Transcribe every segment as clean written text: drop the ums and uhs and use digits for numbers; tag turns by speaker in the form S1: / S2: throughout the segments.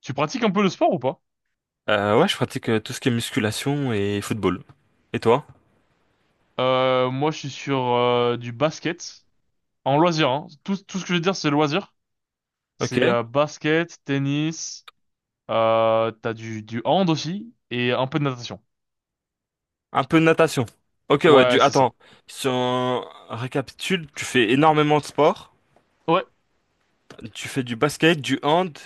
S1: Tu pratiques un peu le sport ou pas?
S2: Ouais, je pratique tout ce qui est musculation et football. Et toi?
S1: Moi, je suis sur du basket en loisir, hein. Tout ce que je veux dire, c'est loisir.
S2: Ok.
S1: C'est basket, tennis, t'as du hand aussi et un peu de natation.
S2: Un peu de natation. Ok, ouais,
S1: Ouais, c'est ça.
S2: attends. Si on récapitule, tu fais énormément de sport.
S1: Ouais,
S2: Tu fais du basket, du hand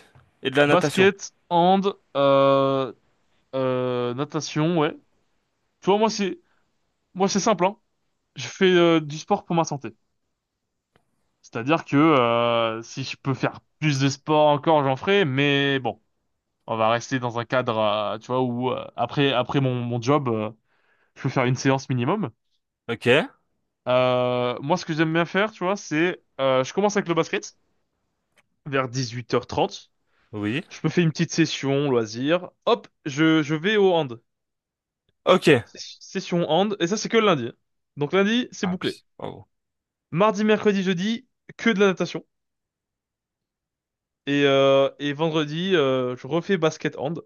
S2: et de la natation.
S1: basket, hand, natation, ouais. Tu vois, moi, c'est simple, hein. Je fais du sport pour ma santé. C'est-à-dire que si je peux faire plus de sport encore, j'en ferai, mais bon. On va rester dans un cadre, tu vois, où après mon job, je peux faire une séance minimum.
S2: Ok.
S1: Moi, ce que j'aime bien faire, tu vois, c'est je commence avec le basket vers 18h30.
S2: Oui.
S1: Je me fais une petite session loisir. Hop, je vais au hand.
S2: Ok.
S1: Session hand et ça c'est que le lundi. Donc lundi, c'est
S2: Ah,
S1: bouclé.
S2: pardon.
S1: Mardi, mercredi, jeudi, que de la natation et vendredi, je refais basket hand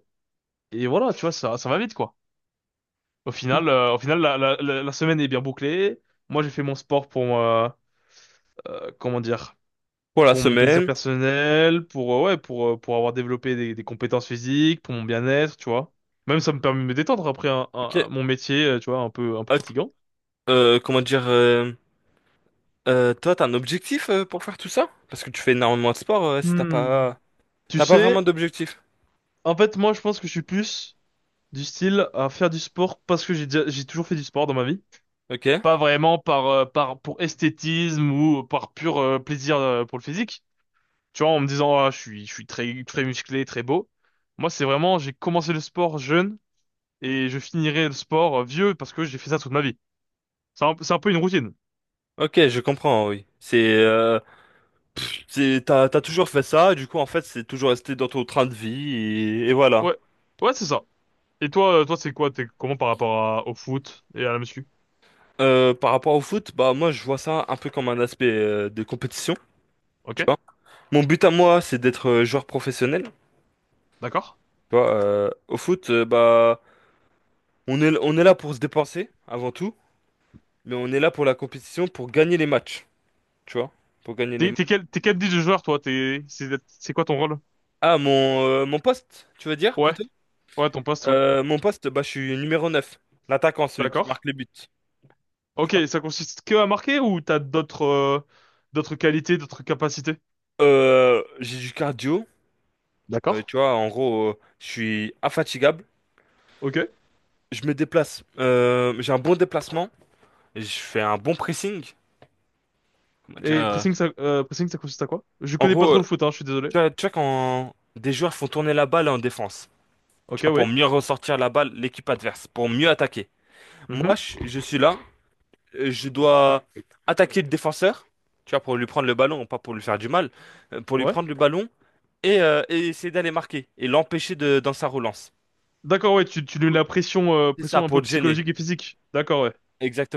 S1: et voilà, tu vois, ça va vite quoi. Au final, la semaine est bien bouclée. Moi, j'ai fait mon sport pour, comment dire,
S2: Pour la
S1: pour mon plaisir
S2: semaine.
S1: personnel, pour, ouais, pour avoir développé des compétences physiques, pour mon bien-être, tu vois. Même ça me permet de me détendre après
S2: Ok.
S1: mon métier, tu vois, un peu
S2: Ah,
S1: fatigant.
S2: comment dire toi, t'as un objectif pour faire tout ça? Parce que tu fais énormément de sport, si t'as
S1: Hmm.
S2: pas...
S1: Tu
S2: T'as pas vraiment
S1: sais,
S2: d'objectif.
S1: en fait, moi, je pense que je suis plus du style à faire du sport parce que j'ai toujours fait du sport dans ma vie.
S2: Ok.
S1: Pas vraiment pour esthétisme ou par pur, plaisir, pour le physique. Tu vois, en me disant, ah, je suis très, très musclé, très beau. Moi, c'est vraiment, j'ai commencé le sport jeune et je finirai le sport vieux parce que j'ai fait ça toute ma vie. C'est un peu une routine.
S2: Ok, je comprends, oui. C'est, t'as toujours fait ça, et du coup, en fait, c'est toujours resté dans ton train de vie, et voilà.
S1: Ouais. Ouais, c'est ça. Et toi, c'est quoi? T'es comment par rapport au foot et à la muscu?
S2: Par rapport au foot, bah, moi, je vois ça un peu comme un aspect de compétition,
S1: Ok?
S2: tu vois. Mon but à moi, c'est d'être joueur professionnel, tu
S1: D'accord?
S2: vois. Au foot, bah, on est là pour se dépenser, avant tout, mais on est là pour la compétition, pour gagner les matchs, tu vois. Pour gagner les
S1: T'es,
S2: matchs.
S1: t'es quel, t'es quel type de joueur, toi? C'est quoi ton rôle?
S2: Ah, mon poste, tu veux dire,
S1: Ouais.
S2: plutôt?
S1: Ouais, ton poste, ouais.
S2: Mon poste, bah, je suis numéro 9, l'attaquant, celui qui
S1: D'accord.
S2: marque les buts, tu
S1: Ok,
S2: vois.
S1: ça consiste que à marquer ou t'as d'autres qualités, d'autres capacités?
S2: J'ai du cardio.
S1: D'accord.
S2: Tu vois, en gros, je suis infatigable,
S1: Ok.
S2: je me déplace, j'ai un bon déplacement, je fais un bon pressing. Comment dire,
S1: Et pressing, ça consiste à quoi? Je
S2: en
S1: connais pas
S2: gros,
S1: trop le foot, hein, je suis désolé.
S2: tu vois quand des joueurs font tourner la balle en défense, tu
S1: Ok,
S2: vois, pour
S1: oui.
S2: mieux ressortir la balle, l'équipe adverse, pour mieux attaquer. Moi,
S1: Mhm.
S2: je suis là, je dois attaquer le défenseur, tu vois, pour lui prendre le ballon, pas pour lui faire du mal, pour lui
S1: Ouais.
S2: prendre le ballon et essayer d'aller marquer et l'empêcher de, dans sa relance.
S1: D'accord, ouais, tu
S2: Du
S1: lui mets
S2: coup,
S1: la pression, euh,
S2: c'est ça,
S1: pression un
S2: pour
S1: peu
S2: le gêner,
S1: psychologique et physique. D'accord, ouais.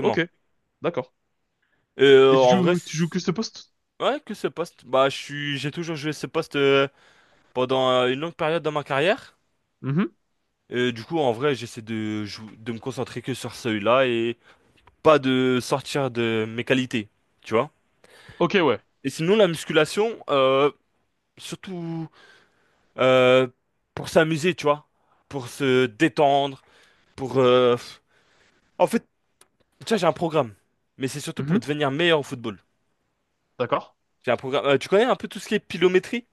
S1: Ok, d'accord. Et tu
S2: En vrai.
S1: joues, tu joues que ce poste?
S2: Ouais, que ce poste. Bah, j'ai toujours joué ce poste pendant une longue période dans ma carrière.
S1: Mhm.
S2: Et du coup, en vrai, j'essaie de me concentrer que sur celui-là et pas de sortir de mes qualités, tu vois.
S1: Ok, ouais.
S2: Et sinon, la musculation, surtout euh, pour s'amuser, tu vois, pour se détendre, pour. En fait, tu vois, j'ai un programme, mais c'est surtout pour
S1: Mhm.
S2: devenir meilleur au football.
S1: D'accord.
S2: J'ai un programme. Tu connais un peu tout ce qui est pilométrie?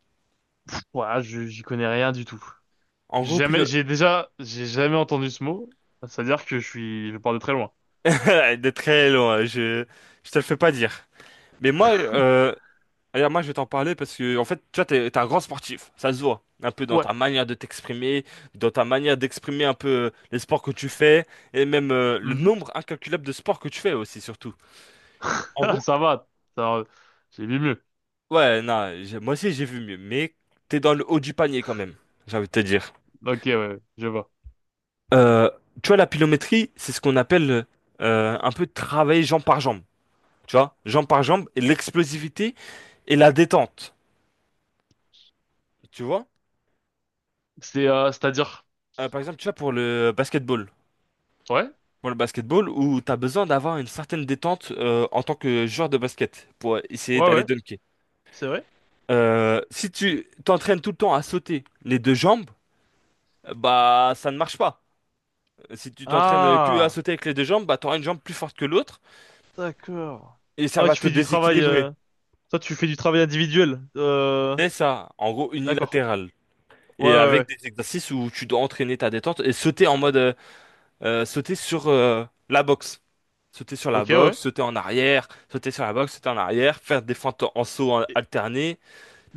S1: Ouais, j'y connais rien du tout.
S2: En
S1: J'ai
S2: gros,
S1: Jamais,
S2: pilo...
S1: j'ai déjà, j'ai jamais entendu ce mot. C'est-à-dire que je pars de très loin.
S2: De très loin. Je te le fais pas dire. Mais moi, regarde, moi, je vais t'en parler parce que, en fait, toi, t'es un grand sportif. Ça se voit. Un peu dans
S1: Ouais.
S2: ta manière de t'exprimer, dans ta manière d'exprimer un peu les sports que tu fais, et même le
S1: Mhm.
S2: nombre incalculable de sports que tu fais aussi, surtout. En
S1: Ah,
S2: gros,
S1: ça va. Ça, j'ai vu mieux.
S2: ouais, non, moi aussi, j'ai vu mieux, mais t'es dans le haut du panier quand même, j'ai envie de te dire.
S1: Ok, ouais, je vois.
S2: Euh, Tu vois, la pilométrie, c'est ce qu'on appelle un peu travailler jambe par jambe. Tu vois, jambe par jambe, et l'explosivité et la détente. Tu vois?
S1: C'est-à-dire.
S2: Par exemple, tu vois, pour le basketball.
S1: Ouais.
S2: Pour le basketball où tu as besoin d'avoir une certaine détente en tant que joueur de basket pour essayer
S1: Ouais,
S2: d'aller
S1: ouais.
S2: dunker.
S1: C'est vrai.
S2: Si tu t'entraînes tout le temps à sauter les deux jambes, bah ça ne marche pas. Si tu t'entraînes que à
S1: Ah.
S2: sauter avec les deux jambes, bah t'auras une jambe plus forte que l'autre
S1: D'accord.
S2: et ça
S1: Ah,
S2: va
S1: tu
S2: te
S1: fais du travail.
S2: déséquilibrer.
S1: Toi, tu fais du travail individuel.
S2: C'est ça, en gros
S1: D'accord.
S2: unilatéral.
S1: Ouais,
S2: Et
S1: ouais,
S2: avec
S1: ouais.
S2: des exercices où tu dois entraîner ta détente et sauter en mode sauter sur la boxe. Sauter sur la
S1: Ok, ouais.
S2: boxe, sauter en arrière, sauter sur la boxe, sauter en arrière, faire des fentes en saut
S1: Et
S2: alterné.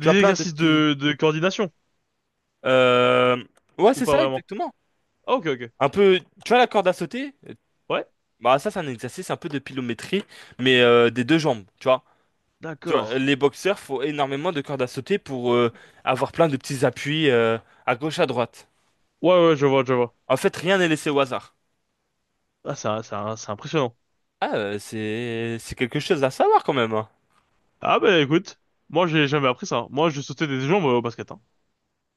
S2: Tu as plein de
S1: exercices
S2: petits.
S1: de coordination
S2: euh, Ouais,
S1: ou
S2: c'est
S1: pas
S2: ça,
S1: vraiment?
S2: exactement.
S1: Ah, ok, ok.
S2: Un peu. Tu vois la corde à sauter?
S1: Ouais.
S2: Bah, ça, c'est un exercice un peu de pliométrie, mais des deux jambes, tu vois. Tu
S1: D'accord.
S2: vois, les boxeurs font énormément de cordes à sauter pour avoir plein de petits appuis à gauche, à droite.
S1: Ouais, ouais, je vois, je vois.
S2: En fait, rien n'est laissé au hasard.
S1: Ah, c'est impressionnant.
S2: Ah, c'est quelque chose à savoir quand même, hein.
S1: Ah, bah écoute, moi, j'ai jamais appris ça, hein. Moi, je sautais des jambes au basket, hein.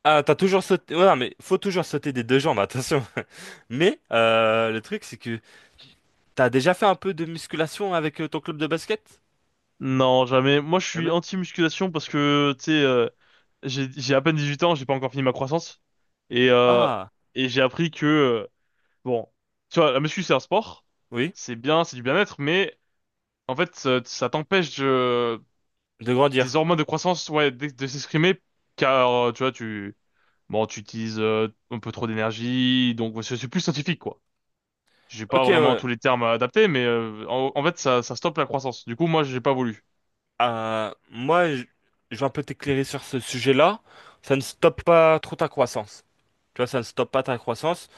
S2: Ah, t'as toujours sauté. Ouais, non, mais faut toujours sauter des deux jambes, attention. Mais le truc, c'est que t'as déjà fait un peu de musculation avec ton club de basket?
S1: Non, jamais. Moi, je suis
S2: Jamais.
S1: anti-musculation parce que, tu sais, j'ai à peine 18 ans, j'ai pas encore fini ma croissance. Et, euh,
S2: Ah,
S1: et j'ai appris que. Bon, tu vois, la muscu, c'est un sport,
S2: oui,
S1: c'est bien, c'est du bien-être, mais en fait, ça t'empêche
S2: de
S1: des
S2: grandir.
S1: hormones de croissance, ouais, de s'exprimer, car, tu vois, tu, bon, tu utilises un peu trop d'énergie, donc ouais, c'est plus scientifique, quoi. J'ai pas
S2: Ok,
S1: vraiment
S2: ouais.
S1: tous les termes adaptés, mais en fait, ça stoppe la croissance. Du coup, moi, j'ai pas voulu,
S2: Moi, je vais un peu t'éclairer sur ce sujet-là. Ça ne stoppe pas trop ta croissance. Tu vois, ça ne stoppe pas ta croissance.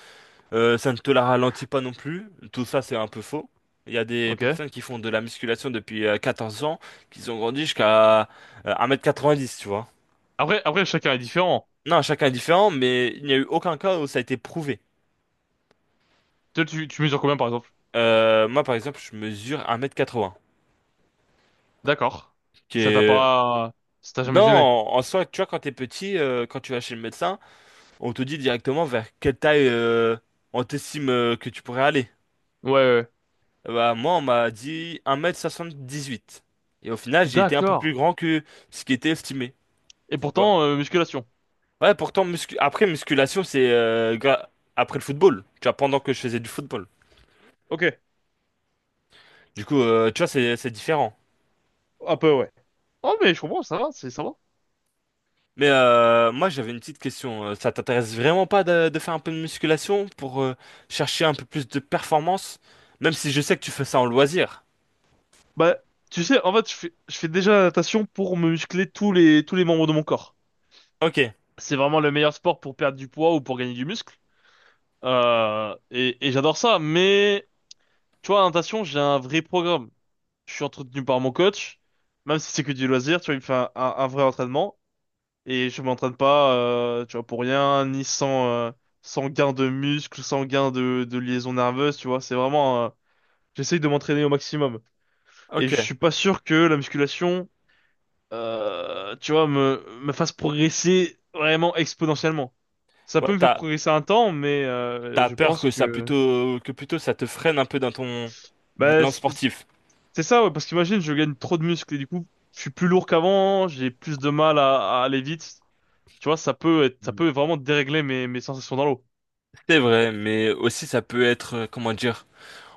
S2: Ça ne te la ralentit pas non plus. Tout ça, c'est un peu faux. Il y a des
S1: ok?
S2: personnes qui font de la musculation depuis 14 ans, qui ont grandi jusqu'à 1m90, tu vois.
S1: Après, après, chacun est différent.
S2: Non, chacun est différent, mais il n'y a eu aucun cas où ça a été prouvé.
S1: Toi, tu mesures combien, par exemple?
S2: Moi, par exemple, je mesure 1m80,
S1: D'accord.
S2: qui
S1: Ça t'a
S2: est...
S1: pas, ça t'a jamais
S2: Non,
S1: gêné?
S2: en soi, tu vois, quand t'es petit, quand tu vas chez le médecin, on te dit directement vers quelle taille on t'estime que tu pourrais aller.
S1: Ouais, ouais, ouais.
S2: Bah, moi, on m'a dit 1m78. Et au final, j'ai été un peu
S1: D'accord.
S2: plus grand que ce qui était estimé.
S1: Et
S2: Tu vois.
S1: pourtant, musculation.
S2: Ouais, pourtant, après, musculation, c'est après le football. Tu vois, pendant que je faisais du football.
S1: Ok.
S2: Du coup, tu vois, c'est différent.
S1: Un peu, ouais. Oh, mais je comprends, ça va, ça va.
S2: Mais moi, j'avais une petite question. Ça t'intéresse vraiment pas de faire un peu de musculation pour chercher un peu plus de performance, même si je sais que tu fais ça en loisir.
S1: Bah, tu sais, en fait, je fais déjà la natation pour me muscler tous les membres de mon corps.
S2: Ok,
S1: C'est vraiment le meilleur sport pour perdre du poids ou pour gagner du muscle. Et j'adore ça, mais, tu vois, la natation, j'ai un vrai programme. Je suis entretenu par mon coach, même si c'est que du loisir, tu vois, il me fait un vrai entraînement. Et je m'entraîne pas, tu vois, pour rien, ni sans, sans gain de muscle, sans gain de liaison nerveuse, tu vois. C'est vraiment, j'essaye de m'entraîner au maximum. Et
S2: ok.
S1: je suis pas sûr que la musculation, tu vois, me fasse progresser vraiment exponentiellement. Ça peut
S2: Ouais,
S1: me faire
S2: t'as,
S1: progresser un temps, mais
S2: t'as
S1: je
S2: peur
S1: pense
S2: que ça
S1: que...
S2: plutôt ça te freine un peu dans ton
S1: Bah,
S2: élan
S1: c'est
S2: sportif.
S1: c'est ça, ouais, parce qu'imagine, je gagne trop de muscles et du coup, je suis plus lourd qu'avant, j'ai plus de mal à aller vite. Tu vois, ça peut être, ça
S2: Mm.
S1: peut vraiment dérégler mes sensations dans l'eau.
S2: C'est vrai, mais aussi ça peut être, comment dire,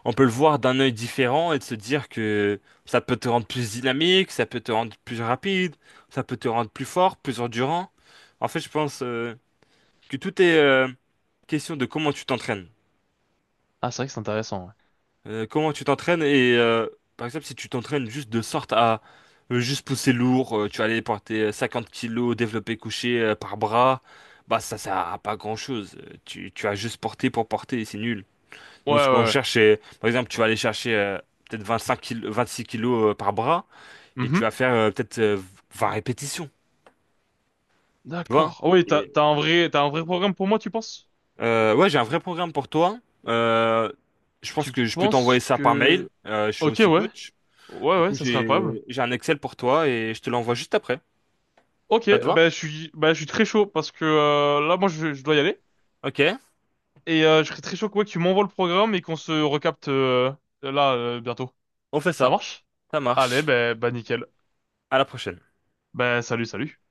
S2: on peut le voir d'un œil différent et de se dire que ça peut te rendre plus dynamique, ça peut te rendre plus rapide, ça peut te rendre plus fort, plus endurant. En fait, je pense que tout est question de comment tu t'entraînes.
S1: Ah, c'est vrai que c'est intéressant, ouais.
S2: Comment tu t'entraînes et par exemple si tu t'entraînes juste de sorte à juste pousser lourd, tu vas aller porter 50 kilos développé couché par bras, bah ça sert à pas grand-chose. Tu as juste porté pour porter et c'est nul.
S1: Ouais, ouais,
S2: Donc ce qu'on
S1: ouais.
S2: cherche, c'est par exemple tu vas aller chercher peut-être 25 kilos, 26 kilos par bras et tu
S1: Mhm.
S2: vas faire peut-être 20 répétitions, tu vois?
S1: D'accord. Ah oui, t'as,
S2: Et,
S1: t'as un vrai, t'as un vrai programme pour moi, tu penses?
S2: ouais, j'ai un vrai programme pour toi. Euh, je pense
S1: Tu
S2: que je peux t'envoyer
S1: penses
S2: ça par mail.
S1: que...
S2: Je suis
S1: Ok,
S2: aussi
S1: ouais.
S2: coach.
S1: Ouais,
S2: Du
S1: ouais,
S2: coup,
S1: ça serait incroyable.
S2: j'ai un Excel pour toi et je te l'envoie juste après.
S1: Ok,
S2: Ça te va?
S1: ben, je suis très chaud parce que là moi je dois y aller
S2: Ok,
S1: et je serais très chaud que, ouais, que tu m'envoies le programme et qu'on se recapte là bientôt.
S2: on fait
S1: Ça
S2: ça.
S1: marche?
S2: Ça
S1: Allez,
S2: marche.
S1: ben nickel.
S2: À la prochaine.
S1: Ben salut, salut.